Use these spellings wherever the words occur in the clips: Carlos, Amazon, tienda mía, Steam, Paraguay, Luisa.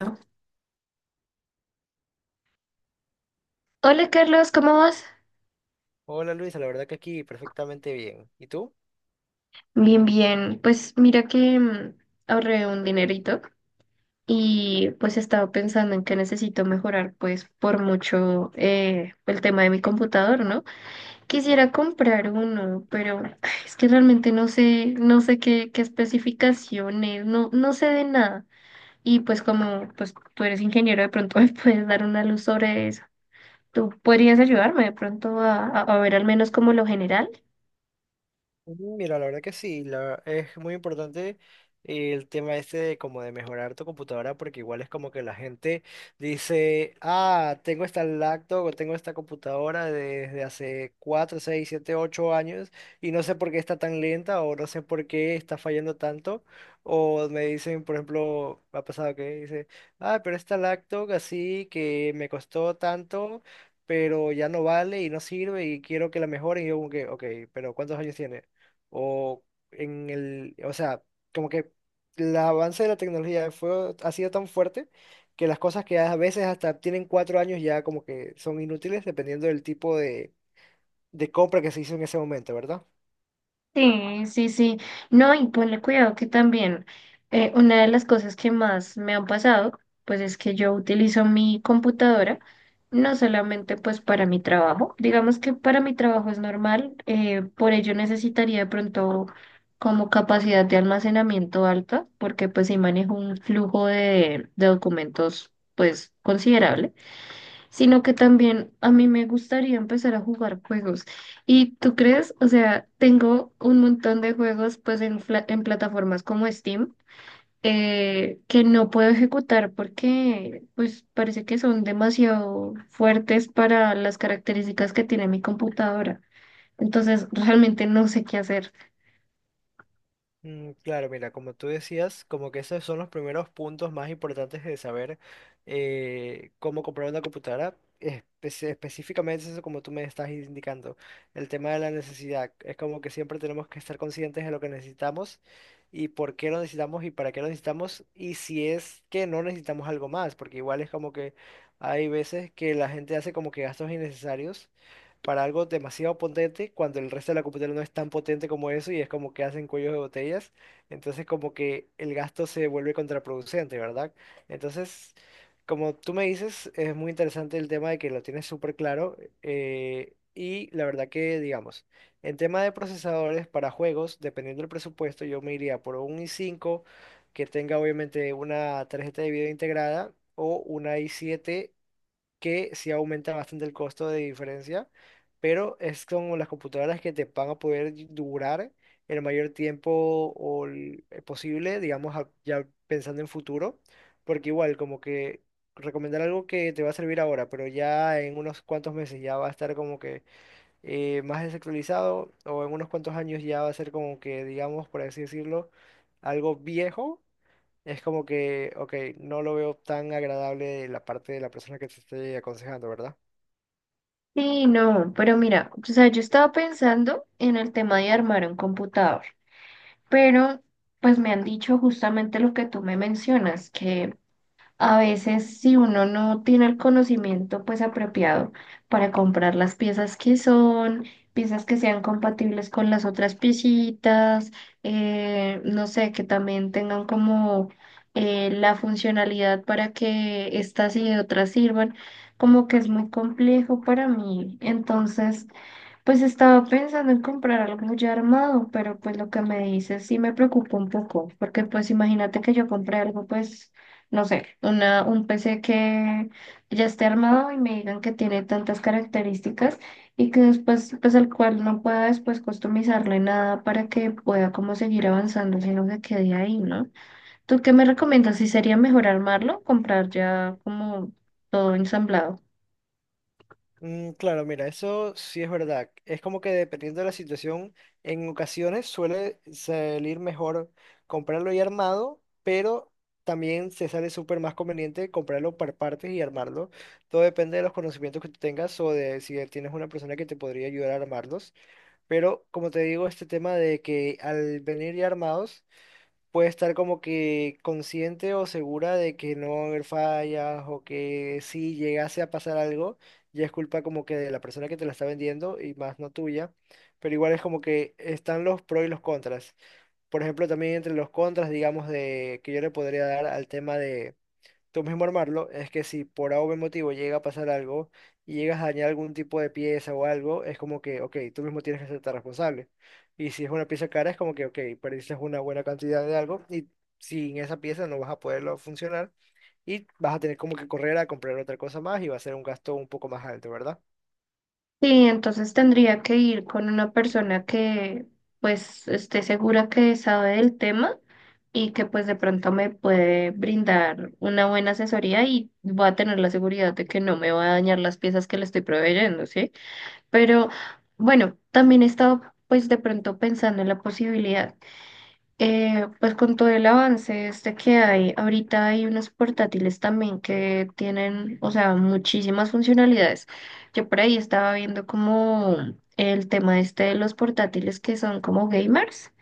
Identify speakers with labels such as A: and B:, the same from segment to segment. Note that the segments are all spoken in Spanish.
A: ¿No? Hola Carlos, ¿cómo vas?
B: Hola Luisa, la verdad que aquí perfectamente bien. ¿Y tú?
A: Bien, bien. Pues mira que ahorré un dinerito y pues estaba pensando en que necesito mejorar pues por mucho el tema de mi computador, ¿no? Quisiera comprar uno, pero ay, es que realmente no sé qué especificaciones, no, no sé de nada. Y pues como pues tú eres ingeniero, de pronto me puedes dar una luz sobre eso. ¿Tú podrías ayudarme de pronto a ver al menos como lo general?
B: Mira, la verdad que sí, es muy importante el tema este de como de mejorar tu computadora, porque igual es como que la gente dice, ah, tengo esta laptop o tengo esta computadora desde hace 4 6 7 8 años y no sé por qué está tan lenta o no sé por qué está fallando tanto. O me dicen, por ejemplo, me ha pasado que dice, ah, pero esta laptop así que me costó tanto, pero ya no vale y no sirve y quiero que la mejoren. Y yo como que, ok, pero ¿cuántos años tiene? O en el, o sea, como que el avance de la tecnología fue, ha sido tan fuerte que las cosas que a veces hasta tienen cuatro años ya como que son inútiles dependiendo del tipo de compra que se hizo en ese momento, ¿verdad?
A: Sí, sí, sí. No, y ponle cuidado que también una de las cosas que más me han pasado, pues es que yo utilizo mi computadora no solamente pues para mi trabajo, digamos que para mi trabajo es normal, por ello necesitaría de pronto como capacidad de almacenamiento alta, porque pues sí manejo un flujo de documentos pues considerable, sino que también a mí me gustaría empezar a jugar juegos. ¿Y tú crees? O sea, tengo un montón de juegos pues en plataformas como Steam, que no puedo ejecutar porque pues parece que son demasiado fuertes para las características que tiene mi computadora. Entonces, realmente no sé qué hacer.
B: Claro, mira, como tú decías, como que esos son los primeros puntos más importantes de saber cómo comprar una computadora. Específicamente eso como tú me estás indicando, el tema de la necesidad. Es como que siempre tenemos que estar conscientes de lo que necesitamos y por qué lo necesitamos y para qué lo necesitamos y si es que no necesitamos algo más, porque igual es como que hay veces que la gente hace como que gastos innecesarios para algo demasiado potente cuando el resto de la computadora no es tan potente como eso y es como que hacen cuellos de botellas. Entonces como que el gasto se vuelve contraproducente, ¿verdad? Entonces, como tú me dices, es muy interesante el tema de que lo tienes súper claro. Y la verdad que, digamos, en tema de procesadores para juegos, dependiendo del presupuesto, yo me iría por un i5 que tenga obviamente una tarjeta de video integrada o una i7, que sí aumenta bastante el costo de diferencia, pero es con las computadoras que te van a poder durar el mayor tiempo o posible, digamos, ya pensando en futuro, porque igual como que recomendar algo que te va a servir ahora, pero ya en unos cuantos meses ya va a estar como que más desactualizado, o en unos cuantos años ya va a ser como que, digamos, por así decirlo, algo viejo, es como que, ok, no lo veo tan agradable la parte de la persona que te esté aconsejando, ¿verdad?
A: Sí, no, pero mira, o sea, yo estaba pensando en el tema de armar un computador, pero pues me han dicho justamente lo que tú me mencionas, que a veces, si uno no tiene el conocimiento pues apropiado para comprar las piezas que son, piezas que sean compatibles con las otras piecitas, no sé, que también tengan como la funcionalidad para que estas y otras sirvan, como que es muy complejo para mí. Entonces, pues estaba pensando en comprar algo ya armado, pero pues lo que me dices sí me preocupa un poco, porque pues imagínate que yo compré algo, pues, no sé, un PC que ya esté armado y me digan que tiene tantas características y que después, pues al cual no pueda después customizarle nada para que pueda como seguir avanzando, sino que quede ahí, ¿no? ¿Tú qué me recomiendas? ¿Si sería mejor armarlo, comprar ya como todo ensamblado?
B: Mm, claro, mira, eso sí es verdad. Es como que dependiendo de la situación, en ocasiones suele salir mejor comprarlo y armado, pero también se sale súper más conveniente comprarlo por partes y armarlo. Todo depende de los conocimientos que tú tengas o de si tienes una persona que te podría ayudar a armarlos. Pero como te digo, este tema de que al venir ya armados... puede estar como que consciente o segura de que no va a haber fallas o que si llegase a pasar algo, ya es culpa como que de la persona que te la está vendiendo y más no tuya. Pero igual es como que están los pros y los contras. Por ejemplo, también entre los contras, digamos, de que yo le podría dar al tema tú mismo armarlo, es que si por algún motivo llega a pasar algo y llegas a dañar algún tipo de pieza o algo, es como que, ok, tú mismo tienes que hacerte responsable. Y si es una pieza cara, es como que, ok, perdiste una buena cantidad de algo y sin esa pieza no vas a poderlo funcionar y vas a tener como que correr a comprar otra cosa más y va a ser un gasto un poco más alto, ¿verdad?
A: Sí, entonces tendría que ir con una persona que pues esté segura que sabe del tema y que pues de pronto me puede brindar una buena asesoría y voy a tener la seguridad de que no me va a dañar las piezas que le estoy proveyendo, ¿sí? Pero bueno, también he estado pues de pronto pensando en la posibilidad. Pues con todo el avance este que hay, ahorita hay unos portátiles también que tienen, o sea, muchísimas funcionalidades. Yo por ahí estaba viendo como el tema este de los portátiles que son como gamers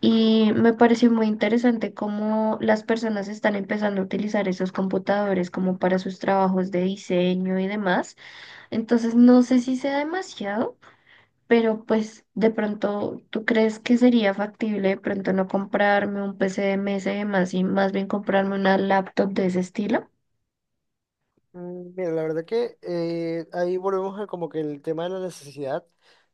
A: y me pareció muy interesante cómo las personas están empezando a utilizar esos computadores como para sus trabajos de diseño y demás. Entonces no sé si sea demasiado, pero pues de pronto, ¿tú crees que sería factible de pronto no comprarme un PC de mesa y demás y más bien comprarme una laptop de ese estilo?
B: Mira, la verdad que ahí volvemos a como que el tema de la necesidad,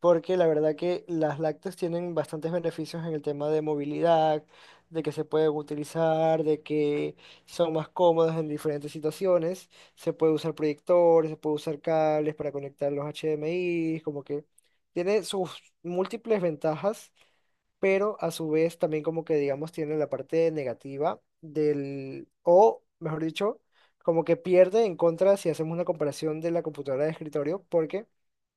B: porque la verdad que las lácteas tienen bastantes beneficios en el tema de movilidad, de que se pueden utilizar, de que son más cómodas en diferentes situaciones. Se puede usar proyectores, se puede usar cables para conectar los HDMI, como que tiene sus múltiples ventajas, pero a su vez también como que digamos tiene la parte negativa del, o mejor dicho, como que pierde en contra si hacemos una comparación de la computadora de escritorio, porque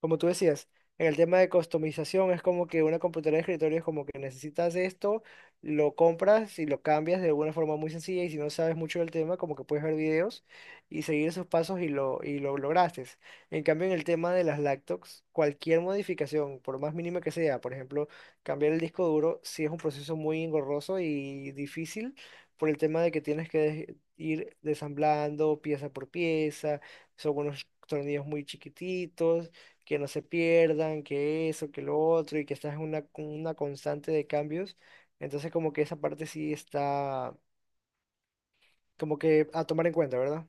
B: como tú decías, en el tema de customización es como que una computadora de escritorio es como que necesitas esto, lo compras y lo cambias de una forma muy sencilla, y si no sabes mucho del tema, como que puedes ver videos y seguir esos pasos y lo lograste. En cambio, en el tema de las laptops, cualquier modificación, por más mínima que sea, por ejemplo, cambiar el disco duro, sí es un proceso muy engorroso y difícil por el tema de que tienes que ir desamblando pieza por pieza, son unos tornillos muy chiquititos que no se pierdan, que eso, que lo otro, y que estás en una, con una constante de cambios. Entonces, como que esa parte sí está como que a tomar en cuenta, ¿verdad?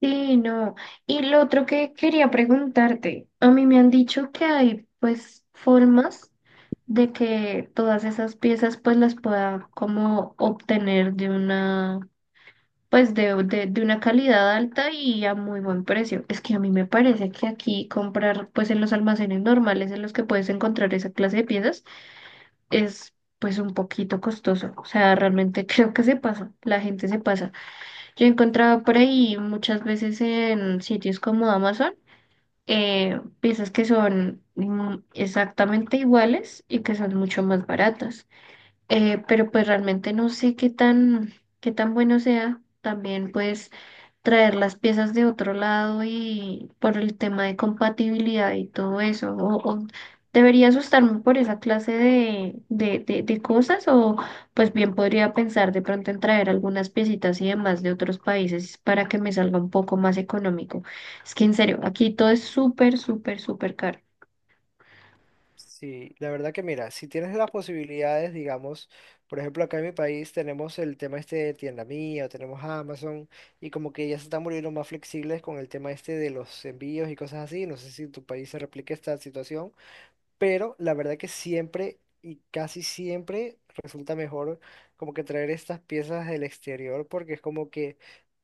A: Sí, no. Y lo otro que quería preguntarte, a mí me han dicho que hay pues formas de que todas esas piezas pues las pueda como obtener de una, pues de una calidad alta y a muy buen precio. Es que a mí me parece que aquí comprar pues en los almacenes normales en los que puedes encontrar esa clase de piezas es pues un poquito costoso. O sea, realmente creo que se pasa, la gente se pasa. Yo he encontrado por ahí muchas veces en sitios como Amazon, piezas que son exactamente iguales y que son mucho más baratas. Pero pues realmente no sé qué tan bueno sea. También pues traer las piezas de otro lado y por el tema de compatibilidad y todo eso. O debería asustarme por esa clase de cosas o pues bien podría pensar de pronto en traer algunas piecitas y demás de otros países para que me salga un poco más económico. Es que en serio, aquí todo es súper, súper, súper caro.
B: Sí, la verdad que mira, si tienes las posibilidades, digamos, por ejemplo, acá en mi país tenemos el tema este de tienda mía, o tenemos Amazon, y como que ya se están volviendo más flexibles con el tema este de los envíos y cosas así. No sé si en tu país se replica esta situación, pero la verdad que siempre y casi siempre resulta mejor como que traer estas piezas del exterior porque es como que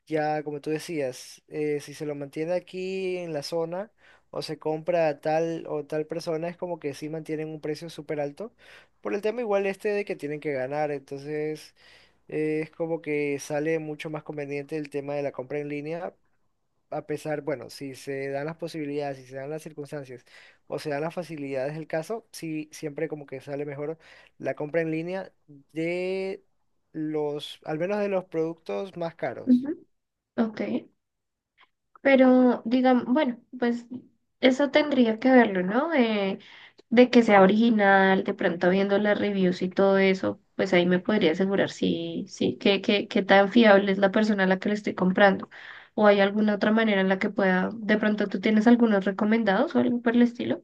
B: ya, como tú decías, si se lo mantiene aquí en la zona o se compra a tal o tal persona, es como que sí mantienen un precio súper alto por el tema igual este de que tienen que ganar, entonces... es como que sale mucho más conveniente el tema de la compra en línea, a pesar, bueno, si se dan las posibilidades, si se dan las circunstancias o se dan las facilidades del caso, sí, siempre como que sale mejor la compra en línea de los, al menos de los productos más caros.
A: Ujú. Ok. Pero digamos, bueno, pues eso tendría que verlo, ¿no? De que sea original, de pronto viendo las reviews y todo eso, pues ahí me podría asegurar si, qué tan fiable es la persona a la que le estoy comprando. O hay alguna otra manera en la que pueda, de pronto tú tienes algunos recomendados o algo por el estilo.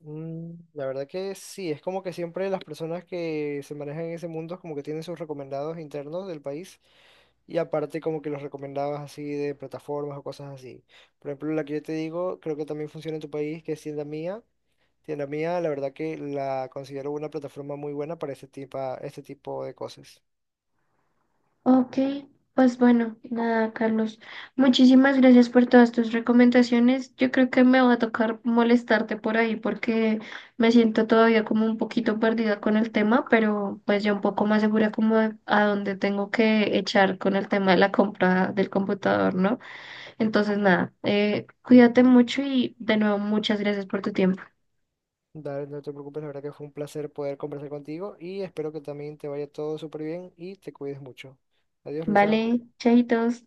B: Mm, la verdad que sí, es como que siempre las personas que se manejan en ese mundo como que tienen sus recomendados internos del país y aparte como que los recomendados así de plataformas o cosas así. Por ejemplo, la que yo te digo, creo que también funciona en tu país, que es tienda mía. Sí, mía, la verdad que la considero una plataforma muy buena para este tipo de cosas.
A: Ok, pues bueno, nada, Carlos. Muchísimas gracias por todas tus recomendaciones. Yo creo que me va a tocar molestarte por ahí porque me siento todavía como un poquito perdida con el tema, pero pues ya un poco más segura como de a dónde tengo que echar con el tema de la compra del computador, ¿no? Entonces, nada, cuídate mucho y de nuevo muchas gracias por tu tiempo.
B: Dale, no te preocupes, la verdad que fue un placer poder conversar contigo y espero que también te vaya todo súper bien y te cuides mucho. Adiós, Luisa.
A: Vale, chaitos.